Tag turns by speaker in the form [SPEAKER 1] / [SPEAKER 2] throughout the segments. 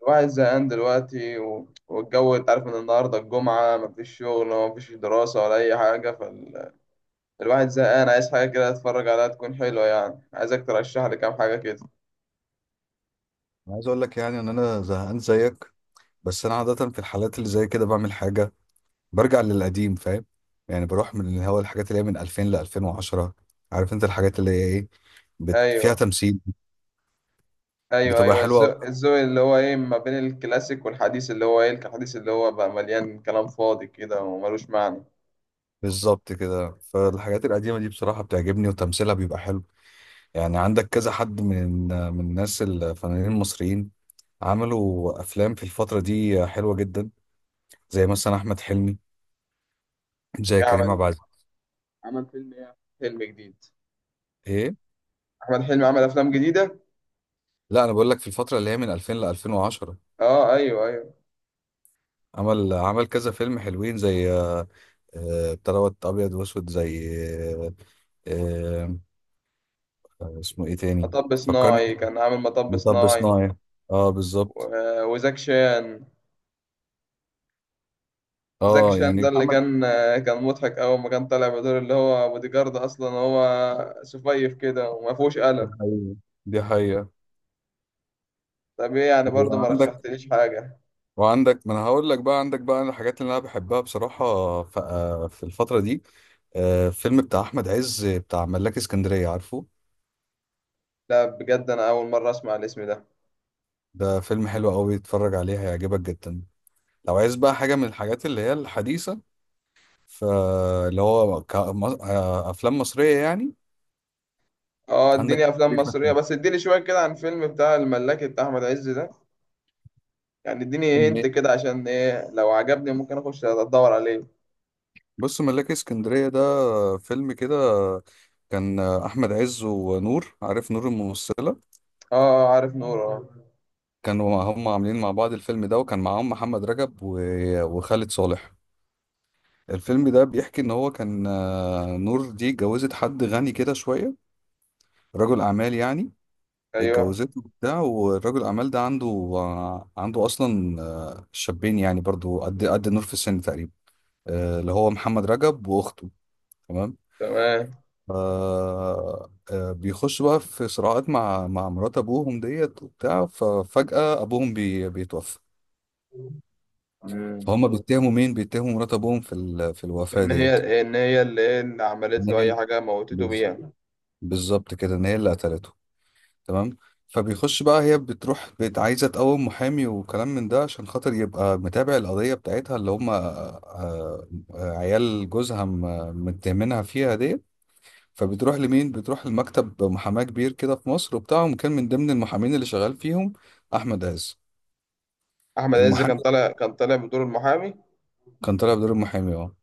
[SPEAKER 1] الواحد زهقان دلوقتي، و- والجو. انت عارف ان النهارده الجمعة مفيش شغل ومفيش دراسة ولا أي حاجة. فالواحد زهقان، عايز حاجة كده أتفرج عليها تكون حلوة. يعني عايزك ترشح لي كام حاجة كده.
[SPEAKER 2] انا عايز اقول لك يعني ان انا زهقان زيك. بس انا عاده في الحالات اللي زي كده بعمل حاجه، برجع للقديم، فاهم؟ يعني بروح من اللي هو الحاجات اللي هي من 2000 ل 2010، عارف انت الحاجات اللي هي ايه، فيها
[SPEAKER 1] أيوه،
[SPEAKER 2] تمثيل،
[SPEAKER 1] أيوه،
[SPEAKER 2] بتبقى
[SPEAKER 1] أيوه،
[SPEAKER 2] حلوه أوي.
[SPEAKER 1] الذوق اللي هو إيه، ما بين الكلاسيك والحديث، اللي هو إيه الحديث اللي هو بقى مليان كلام فاضي كده وملوش معنى.
[SPEAKER 2] بالظبط كده، فالحاجات القديمه دي بصراحه بتعجبني وتمثيلها بيبقى حلو. يعني عندك كذا حد من الناس الفنانين المصريين، عملوا افلام في الفتره دي حلوه جدا، زي مثلا احمد حلمي، زي
[SPEAKER 1] إيه
[SPEAKER 2] كريم
[SPEAKER 1] عمل
[SPEAKER 2] عبد العزيز.
[SPEAKER 1] عمل فيلم ايه؟ فيلم جديد؟
[SPEAKER 2] ايه؟
[SPEAKER 1] أحمد حلمي عمل أفلام جديدة؟
[SPEAKER 2] لا، انا بقول لك في الفتره اللي هي من 2000 ل 2010.
[SPEAKER 1] أه، أيوه أيوه.
[SPEAKER 2] عمل كذا فيلم حلوين، زي بتاع دوت ابيض واسود، زي آه، اسمه ايه تاني؟
[SPEAKER 1] مطب
[SPEAKER 2] فكرني
[SPEAKER 1] صناعي،
[SPEAKER 2] كده.
[SPEAKER 1] كان عامل مطب
[SPEAKER 2] مطب
[SPEAKER 1] صناعي.
[SPEAKER 2] صناعي، اه بالظبط.
[SPEAKER 1] و- وزاك شان زكي
[SPEAKER 2] اه
[SPEAKER 1] شان ده
[SPEAKER 2] يعني
[SPEAKER 1] اللي
[SPEAKER 2] عمل.
[SPEAKER 1] كان مضحك أول ما كان طالع بدور اللي هو بودي جارد، أصلا هو سفيف كده وما فيهوش
[SPEAKER 2] دي
[SPEAKER 1] قلم.
[SPEAKER 2] حقيقة، دي حقيقة.
[SPEAKER 1] طب إيه يعني برضه ما
[SPEAKER 2] وعندك
[SPEAKER 1] رشحتليش حاجة.
[SPEAKER 2] وعندك ما انا هقول لك بقى، عندك بقى الحاجات اللي انا بحبها بصراحة. في الفترة دي، فيلم بتاع احمد عز بتاع ملاك اسكندرية، عارفه؟
[SPEAKER 1] لا بجد، أنا أول مرة أسمع الاسم ده.
[SPEAKER 2] ده فيلم حلو قوي، اتفرج عليه هيعجبك جدا. لو عايز بقى حاجة من الحاجات اللي هي الحديثة، فاللي هو افلام مصريه يعني.
[SPEAKER 1] أه،
[SPEAKER 2] عندك
[SPEAKER 1] إديني أفلام مصرية بس، إديني شوية كده عن فيلم بتاع الملاكي بتاع أحمد عز ده. يعني إديني
[SPEAKER 2] فيلم
[SPEAKER 1] هنت
[SPEAKER 2] إيه؟
[SPEAKER 1] كده، عشان إيه لو عجبني ممكن أخش أدور عليه.
[SPEAKER 2] بص، ملاك اسكندريه ده فيلم كده، كان احمد عز ونور، عارف نور الممثله؟
[SPEAKER 1] أه، عارف نور أه.
[SPEAKER 2] هم عاملين مع بعض الفيلم ده، وكان معاهم محمد رجب وخالد صالح. الفيلم ده بيحكي ان هو كان نور دي اتجوزت حد غني كده شويه، رجل اعمال يعني.
[SPEAKER 1] أيوه،
[SPEAKER 2] اتجوزته وبتاع، والراجل الاعمال ده عنده عنده اصلا شابين يعني برضو قد نور في السن تقريبا، اللي هو محمد رجب واخته. تمام.
[SPEAKER 1] تمام.
[SPEAKER 2] ف- بيخش بقى في صراعات مع مرات ابوهم ديت وبتاع، ففجأة ابوهم بيتوفى.
[SPEAKER 1] مم.
[SPEAKER 2] فهم بيتهموا مين؟ بيتهموا مرات ابوهم في الوفاة
[SPEAKER 1] إن
[SPEAKER 2] ديت،
[SPEAKER 1] هي إن هي اللي إيه، اللي
[SPEAKER 2] ان
[SPEAKER 1] عملت له
[SPEAKER 2] هي
[SPEAKER 1] أي
[SPEAKER 2] اللي-
[SPEAKER 1] حاجة موتته
[SPEAKER 2] بز-
[SPEAKER 1] بيها.
[SPEAKER 2] بالظبط كده، ان هي اللي قتلته. تمام. فبيخش بقى، هي بتروح عايزه تقوم محامي وكلام من ده عشان خاطر يبقى متابع القضيه بتاعتها، اللي هم عيال جوزها متهمينها فيها ديت. فبتروح لمين؟ بتروح لمكتب محاماة كبير كده في مصر، وبتاعهم كان من ضمن المحامين اللي شغال فيهم احمد عز.
[SPEAKER 1] احمد عز
[SPEAKER 2] المحامي
[SPEAKER 1] كان طالع، بدور المحامي.
[SPEAKER 2] كان طالع بدور المحامي اه،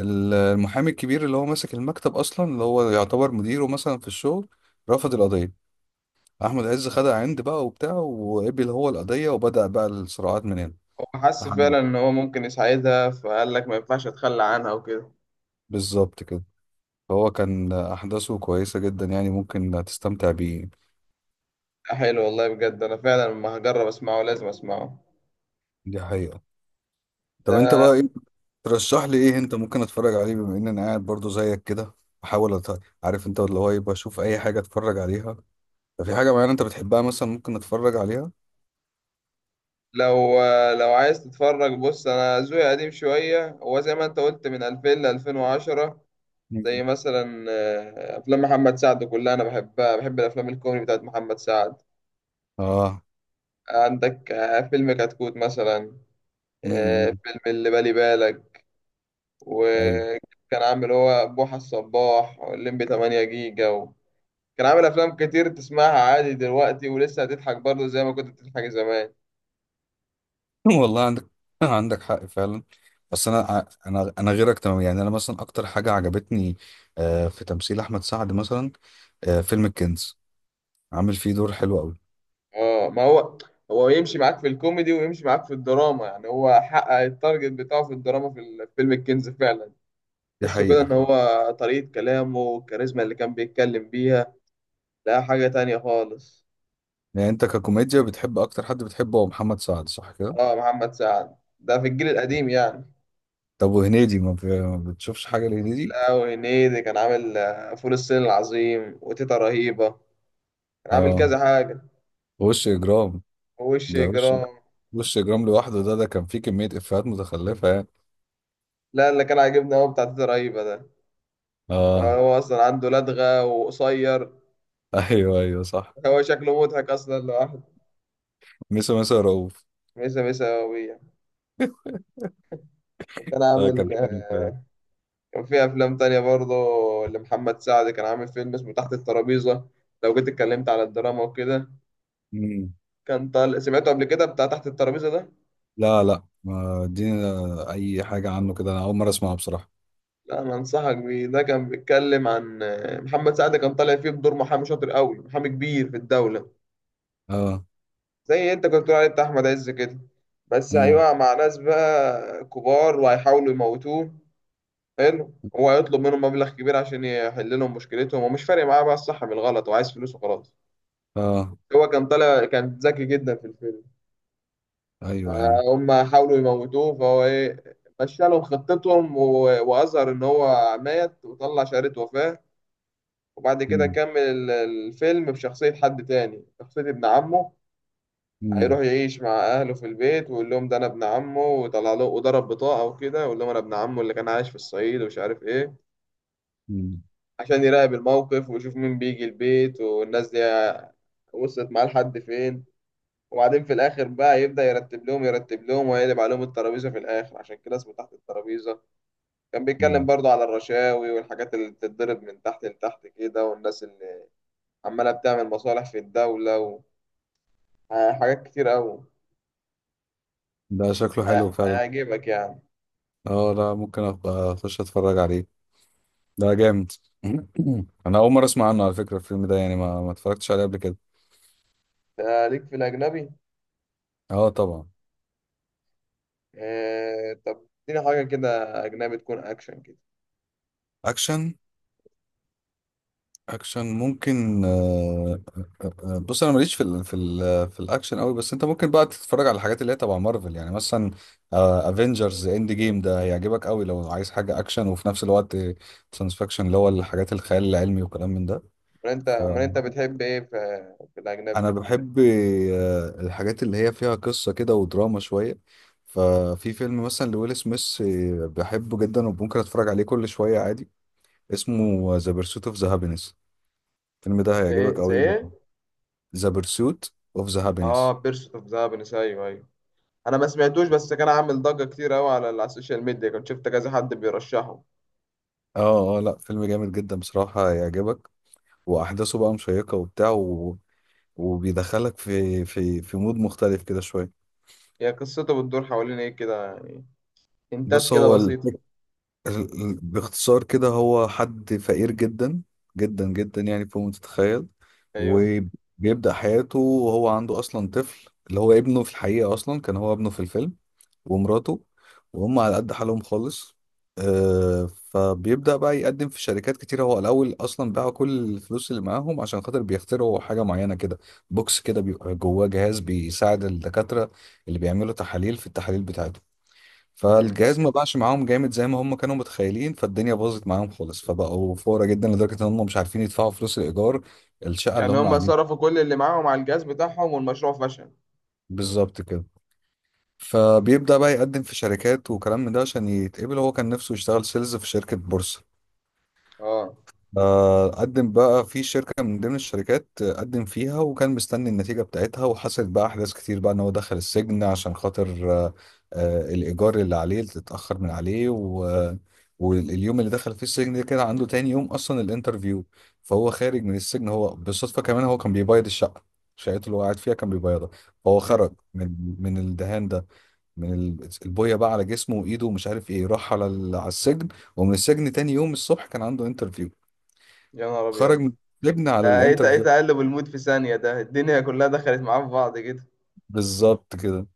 [SPEAKER 2] المحامي الكبير اللي هو ماسك المكتب اصلا، اللي هو يعتبر مديره مثلا في الشغل. رفض القضية، احمد عز خدها عند بقى وبتاع، وقبل هو القضية، وبدأ بقى الصراعات من هنا
[SPEAKER 1] هو حس
[SPEAKER 2] لحد ما-
[SPEAKER 1] فعلا ان هو ممكن يساعدها فقال لك ما ينفعش اتخلى عنها وكده.
[SPEAKER 2] بالظبط كده. فهو كان احداثه كويسة جدا، يعني ممكن تستمتع بيه.
[SPEAKER 1] حلو والله، بجد انا فعلا لما هجرب اسمعه لازم اسمعه.
[SPEAKER 2] دي حقيقة. طب انت
[SPEAKER 1] ده
[SPEAKER 2] بقى ايه ترشح لي، ايه انت ممكن اتفرج عليه بما ان انا قاعد برضو زيك كده؟ بحاول عارف انت اللي هو يبقى اشوف اي حاجه اتفرج عليها. ففي حاجه معينه انت بتحبها مثلا ممكن اتفرج عليها؟
[SPEAKER 1] لو لو عايز تتفرج، بص انا ذوقي قديم شويه، هو زي ما انت قلت من 2000 ل 2010.
[SPEAKER 2] مم.
[SPEAKER 1] زي مثلا افلام محمد سعد كلها انا بحبها، بحب الافلام الكوميدي بتاعت محمد سعد.
[SPEAKER 2] اه.
[SPEAKER 1] عندك فيلم كتكوت مثلا،
[SPEAKER 2] امم.
[SPEAKER 1] فيلم اللي بالي بالك،
[SPEAKER 2] ايوه.
[SPEAKER 1] وكان عامل هو بوحة الصباح واللمبي 8 جيجا و... كان عامل أفلام كتير تسمعها عادي دلوقتي ولسه هتضحك برضه زي ما كنت بتضحك زمان.
[SPEAKER 2] والله عندك عندك حق فعلا. بس انا غيرك، تمام، يعني انا مثلا اكتر حاجه عجبتني في تمثيل احمد سعد مثلا، فيلم الكنز، عامل فيه دور حلو قوي.
[SPEAKER 1] اه ما هو، هو يمشي معاك في الكوميدي ويمشي معاك في الدراما، يعني هو حقق التارجت بتاعه في الدراما في فيلم الكنز فعلا.
[SPEAKER 2] دي
[SPEAKER 1] تحسه كده
[SPEAKER 2] حقيقه
[SPEAKER 1] ان
[SPEAKER 2] فعلا.
[SPEAKER 1] هو طريقة كلامه والكاريزما اللي كان بيتكلم بيها لا حاجة تانية خالص.
[SPEAKER 2] يعني انت ككوميديا بتحب اكتر، حد بتحبه هو محمد سعد، صح كده؟
[SPEAKER 1] اه، محمد سعد ده في الجيل القديم يعني.
[SPEAKER 2] طب وهنيدي، ما بتشوفش حاجه لهنيدي؟
[SPEAKER 1] لا وهنيدي كان عامل فول الصين العظيم وتيتا رهيبة، عامل
[SPEAKER 2] اه،
[SPEAKER 1] كذا حاجة.
[SPEAKER 2] وش اجرام،
[SPEAKER 1] ووش
[SPEAKER 2] ده وش
[SPEAKER 1] جرام.
[SPEAKER 2] وش اجرام لوحده، ده كان فيه كمية افيهات متخلفة يعني.
[SPEAKER 1] لا، اللي كان عاجبني هو بتاع تيتا رهيبة ده،
[SPEAKER 2] اه،
[SPEAKER 1] هو أصلا عنده لدغة وقصير.
[SPEAKER 2] ايوه، ايوه، صح.
[SPEAKER 1] هو شكله مضحك أصلا لوحده.
[SPEAKER 2] ميسو، ميسو رؤوف.
[SPEAKER 1] ميسا ميسا وبيع. وكان
[SPEAKER 2] ده كان
[SPEAKER 1] عامل
[SPEAKER 2] حلو فعلا.
[SPEAKER 1] كان في أفلام تانية برضه لمحمد سعد. كان عامل فيلم اسمه تحت الترابيزة، لو جيت اتكلمت على الدراما وكده.
[SPEAKER 2] مم.
[SPEAKER 1] كان طال سمعته قبل كده بتاع تحت الترابيزة ده؟
[SPEAKER 2] لا، لا، ما ادينا اي حاجة عنه كده، انا اول مرة اسمعها بصراحة.
[SPEAKER 1] لا أنا أنصحك بيه، ده كان بيتكلم عن محمد سعد كان طالع فيه بدور محامي شاطر قوي، محامي كبير في الدولة.
[SPEAKER 2] اه.
[SPEAKER 1] زي انت كنت بتقول عليه بتاع احمد عز كده. بس
[SPEAKER 2] امم.
[SPEAKER 1] هيقع مع ناس بقى كبار وهيحاولوا يموتوه. حلو، هو هيطلب منهم مبلغ كبير عشان يحل لهم مشكلتهم، ومش فارق معاه بقى الصح من الغلط، وعايز فلوس وخلاص.
[SPEAKER 2] اه.
[SPEAKER 1] هو كان طالع، كان ذكي جدا في الفيلم.
[SPEAKER 2] ايوه، ايوه.
[SPEAKER 1] هم حاولوا يموتوه فهو ايه، مشى لهم خطتهم و- واظهر ان هو مات وطلع شهادة وفاة. وبعد كده
[SPEAKER 2] امم.
[SPEAKER 1] كمل الفيلم بشخصية حد تاني، شخصية ابن عمه. هيروح
[SPEAKER 2] امم.
[SPEAKER 1] يعيش مع اهله في البيت ويقول لهم ده انا ابن عمه، ويطلع له وضرب بطاقه وكده ويقول لهم انا ابن عمه اللي كان عايش في الصعيد ومش عارف ايه،
[SPEAKER 2] امم.
[SPEAKER 1] عشان يراقب الموقف ويشوف مين بيجي البيت والناس دي وصلت معاه لحد فين. وبعدين في الاخر بقى يبدا يرتب لهم ويقلب عليهم الترابيزه في الاخر، عشان كده اسمه تحت الترابيزه. كان بيتكلم
[SPEAKER 2] أمم.
[SPEAKER 1] برضه على الرشاوي والحاجات اللي بتتضرب من تحت لتحت كده، والناس اللي عماله بتعمل مصالح في الدوله، وحاجات كتير قوي.
[SPEAKER 2] ده شكله حلو فعلا.
[SPEAKER 1] هيعجبك يعني.
[SPEAKER 2] اه، لا ممكن ابقى اخش اتفرج عليه. ده جامد. انا اول مرة اسمع عنه على فكرة، الفيلم ده يعني ما اتفرجتش عليه قبل كده.
[SPEAKER 1] ده ليك في الاجنبي.
[SPEAKER 2] اه طبعا.
[SPEAKER 1] آه طب اديني حاجة كده، أجنبي تكون أكشن كده.
[SPEAKER 2] اكشن، اكشن ممكن بص انا ماليش في الاكشن قوي، بس انت ممكن بقى تتفرج على الحاجات اللي هي تبع مارفل يعني مثلا، افنجرز اند جيم ده هيعجبك قوي لو عايز حاجه اكشن وفي نفس الوقت ساينس فيكشن، اللي هو الحاجات الخيال العلمي وكلام من ده.
[SPEAKER 1] أمال أنت
[SPEAKER 2] فانا
[SPEAKER 1] أمال أنت بتحب إيه في الأجنبي؟
[SPEAKER 2] بحب الحاجات اللي هي فيها قصه كده ودراما شويه. ففي فيلم مثلا لويل سميث بحبه جدا وممكن اتفرج عليه كل شويه عادي، اسمه ذا بيرسوت اوف ذا هابينس. الفيلم ده
[SPEAKER 1] زي ايه
[SPEAKER 2] هيعجبك
[SPEAKER 1] زي
[SPEAKER 2] قوي.
[SPEAKER 1] ايه؟
[SPEAKER 2] ذا بيرسوت اوف ذا
[SPEAKER 1] آه،
[SPEAKER 2] هابينس.
[SPEAKER 1] بيرسوت أوف هابينس، أيوه أيوه. أنا ما سمعتوش، بس كان عامل ضجة كتير أوي على السوشيال ميديا، كنت شفت كذا حد بيرشحه.
[SPEAKER 2] اه، اه، لا فيلم جامد جدا بصراحة هيعجبك، واحداثه بقى مشيقة وبتاع وبيدخلك في مود مختلف كده شوية.
[SPEAKER 1] هي قصته بتدور حوالين إيه كده يعني؟ هنتات
[SPEAKER 2] بص
[SPEAKER 1] كده
[SPEAKER 2] هو
[SPEAKER 1] بسيطة.
[SPEAKER 2] باختصار كده، هو حد فقير جدا، جدا جدا، يعني فوق ما تتخيل.
[SPEAKER 1] أيوه.
[SPEAKER 2] وبيبدأ حياته وهو عنده اصلا طفل، اللي هو ابنه في الحقيقة اصلا كان هو ابنه في الفيلم، ومراته، وهم على قد حالهم خالص. فبيبدأ بقى يقدم في شركات كتيرة، هو الأول أصلا باع كل الفلوس اللي معاهم عشان خاطر بيخترعوا حاجة معينة كده، بوكس كده بيبقى جواه جهاز بيساعد الدكاترة اللي بيعملوا تحاليل في التحاليل بتاعتهم.
[SPEAKER 1] مم.
[SPEAKER 2] فالجهاز ما باعش معاهم جامد زي ما هم كانوا متخيلين، فالدنيا باظت معاهم خالص، فبقوا فقراء جدا لدرجة إن هم مش عارفين يدفعوا فلوس الإيجار، الشقة اللي
[SPEAKER 1] يعني
[SPEAKER 2] هم
[SPEAKER 1] هما
[SPEAKER 2] قاعدين.
[SPEAKER 1] صرفوا كل اللي معاهم على الجهاز بتاعهم والمشروع فشل.
[SPEAKER 2] بالظبط كده. فبيبدأ بقى يقدم في شركات وكلام من ده عشان يتقبل، هو كان نفسه يشتغل سيلز في شركة بورصة.
[SPEAKER 1] آه.
[SPEAKER 2] قدم بقى في شركة من ضمن الشركات، قدم فيها، وكان مستني النتيجة بتاعتها، وحصلت بقى أحداث كتير بقى إن هو دخل السجن عشان خاطر الإيجار اللي عليه اللي اتأخر من عليه و... آه، واليوم اللي دخل فيه السجن ده كان عنده تاني يوم أصلا الانترفيو. فهو خارج من السجن، هو بالصدفة كمان هو كان بيبيض الشقة، شقته اللي هو قاعد فيها كان بيبيضها. فهو
[SPEAKER 1] مم.
[SPEAKER 2] خرج من الدهان ده، من البويه بقى على جسمه وايده ومش عارف ايه، راح على على السجن. ومن السجن تاني يوم الصبح كان عنده انترفيو،
[SPEAKER 1] يا نهار
[SPEAKER 2] خرج
[SPEAKER 1] أبيض.
[SPEAKER 2] من السجن على
[SPEAKER 1] ده إيه إيه
[SPEAKER 2] الانترفيو.
[SPEAKER 1] تقلب المود في ثانية، ده الدنيا كلها دخلت معاه في بعض كده.
[SPEAKER 2] بالظبط كده.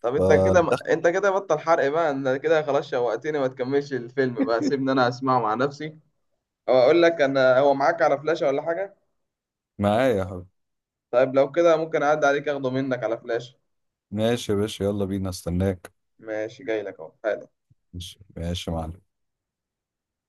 [SPEAKER 1] طب انت كده
[SPEAKER 2] فدخل.
[SPEAKER 1] انت كده بطل حرق بقى، انت كده خلاص شوقتني. ما تكملش الفيلم بقى، سيبني انا اسمعه مع نفسي. او اقول لك، انا هو معاك على فلاشة ولا حاجة؟
[SPEAKER 2] معايا يا حبيبي.
[SPEAKER 1] طيب لو كده ممكن اعدي عليك اخده منك على فلاشة.
[SPEAKER 2] ماشي يا باشا، يلا بينا استناك.
[SPEAKER 1] ماشي، جاي لك اهو حالا.
[SPEAKER 2] ماشي، ماشي يا معلم.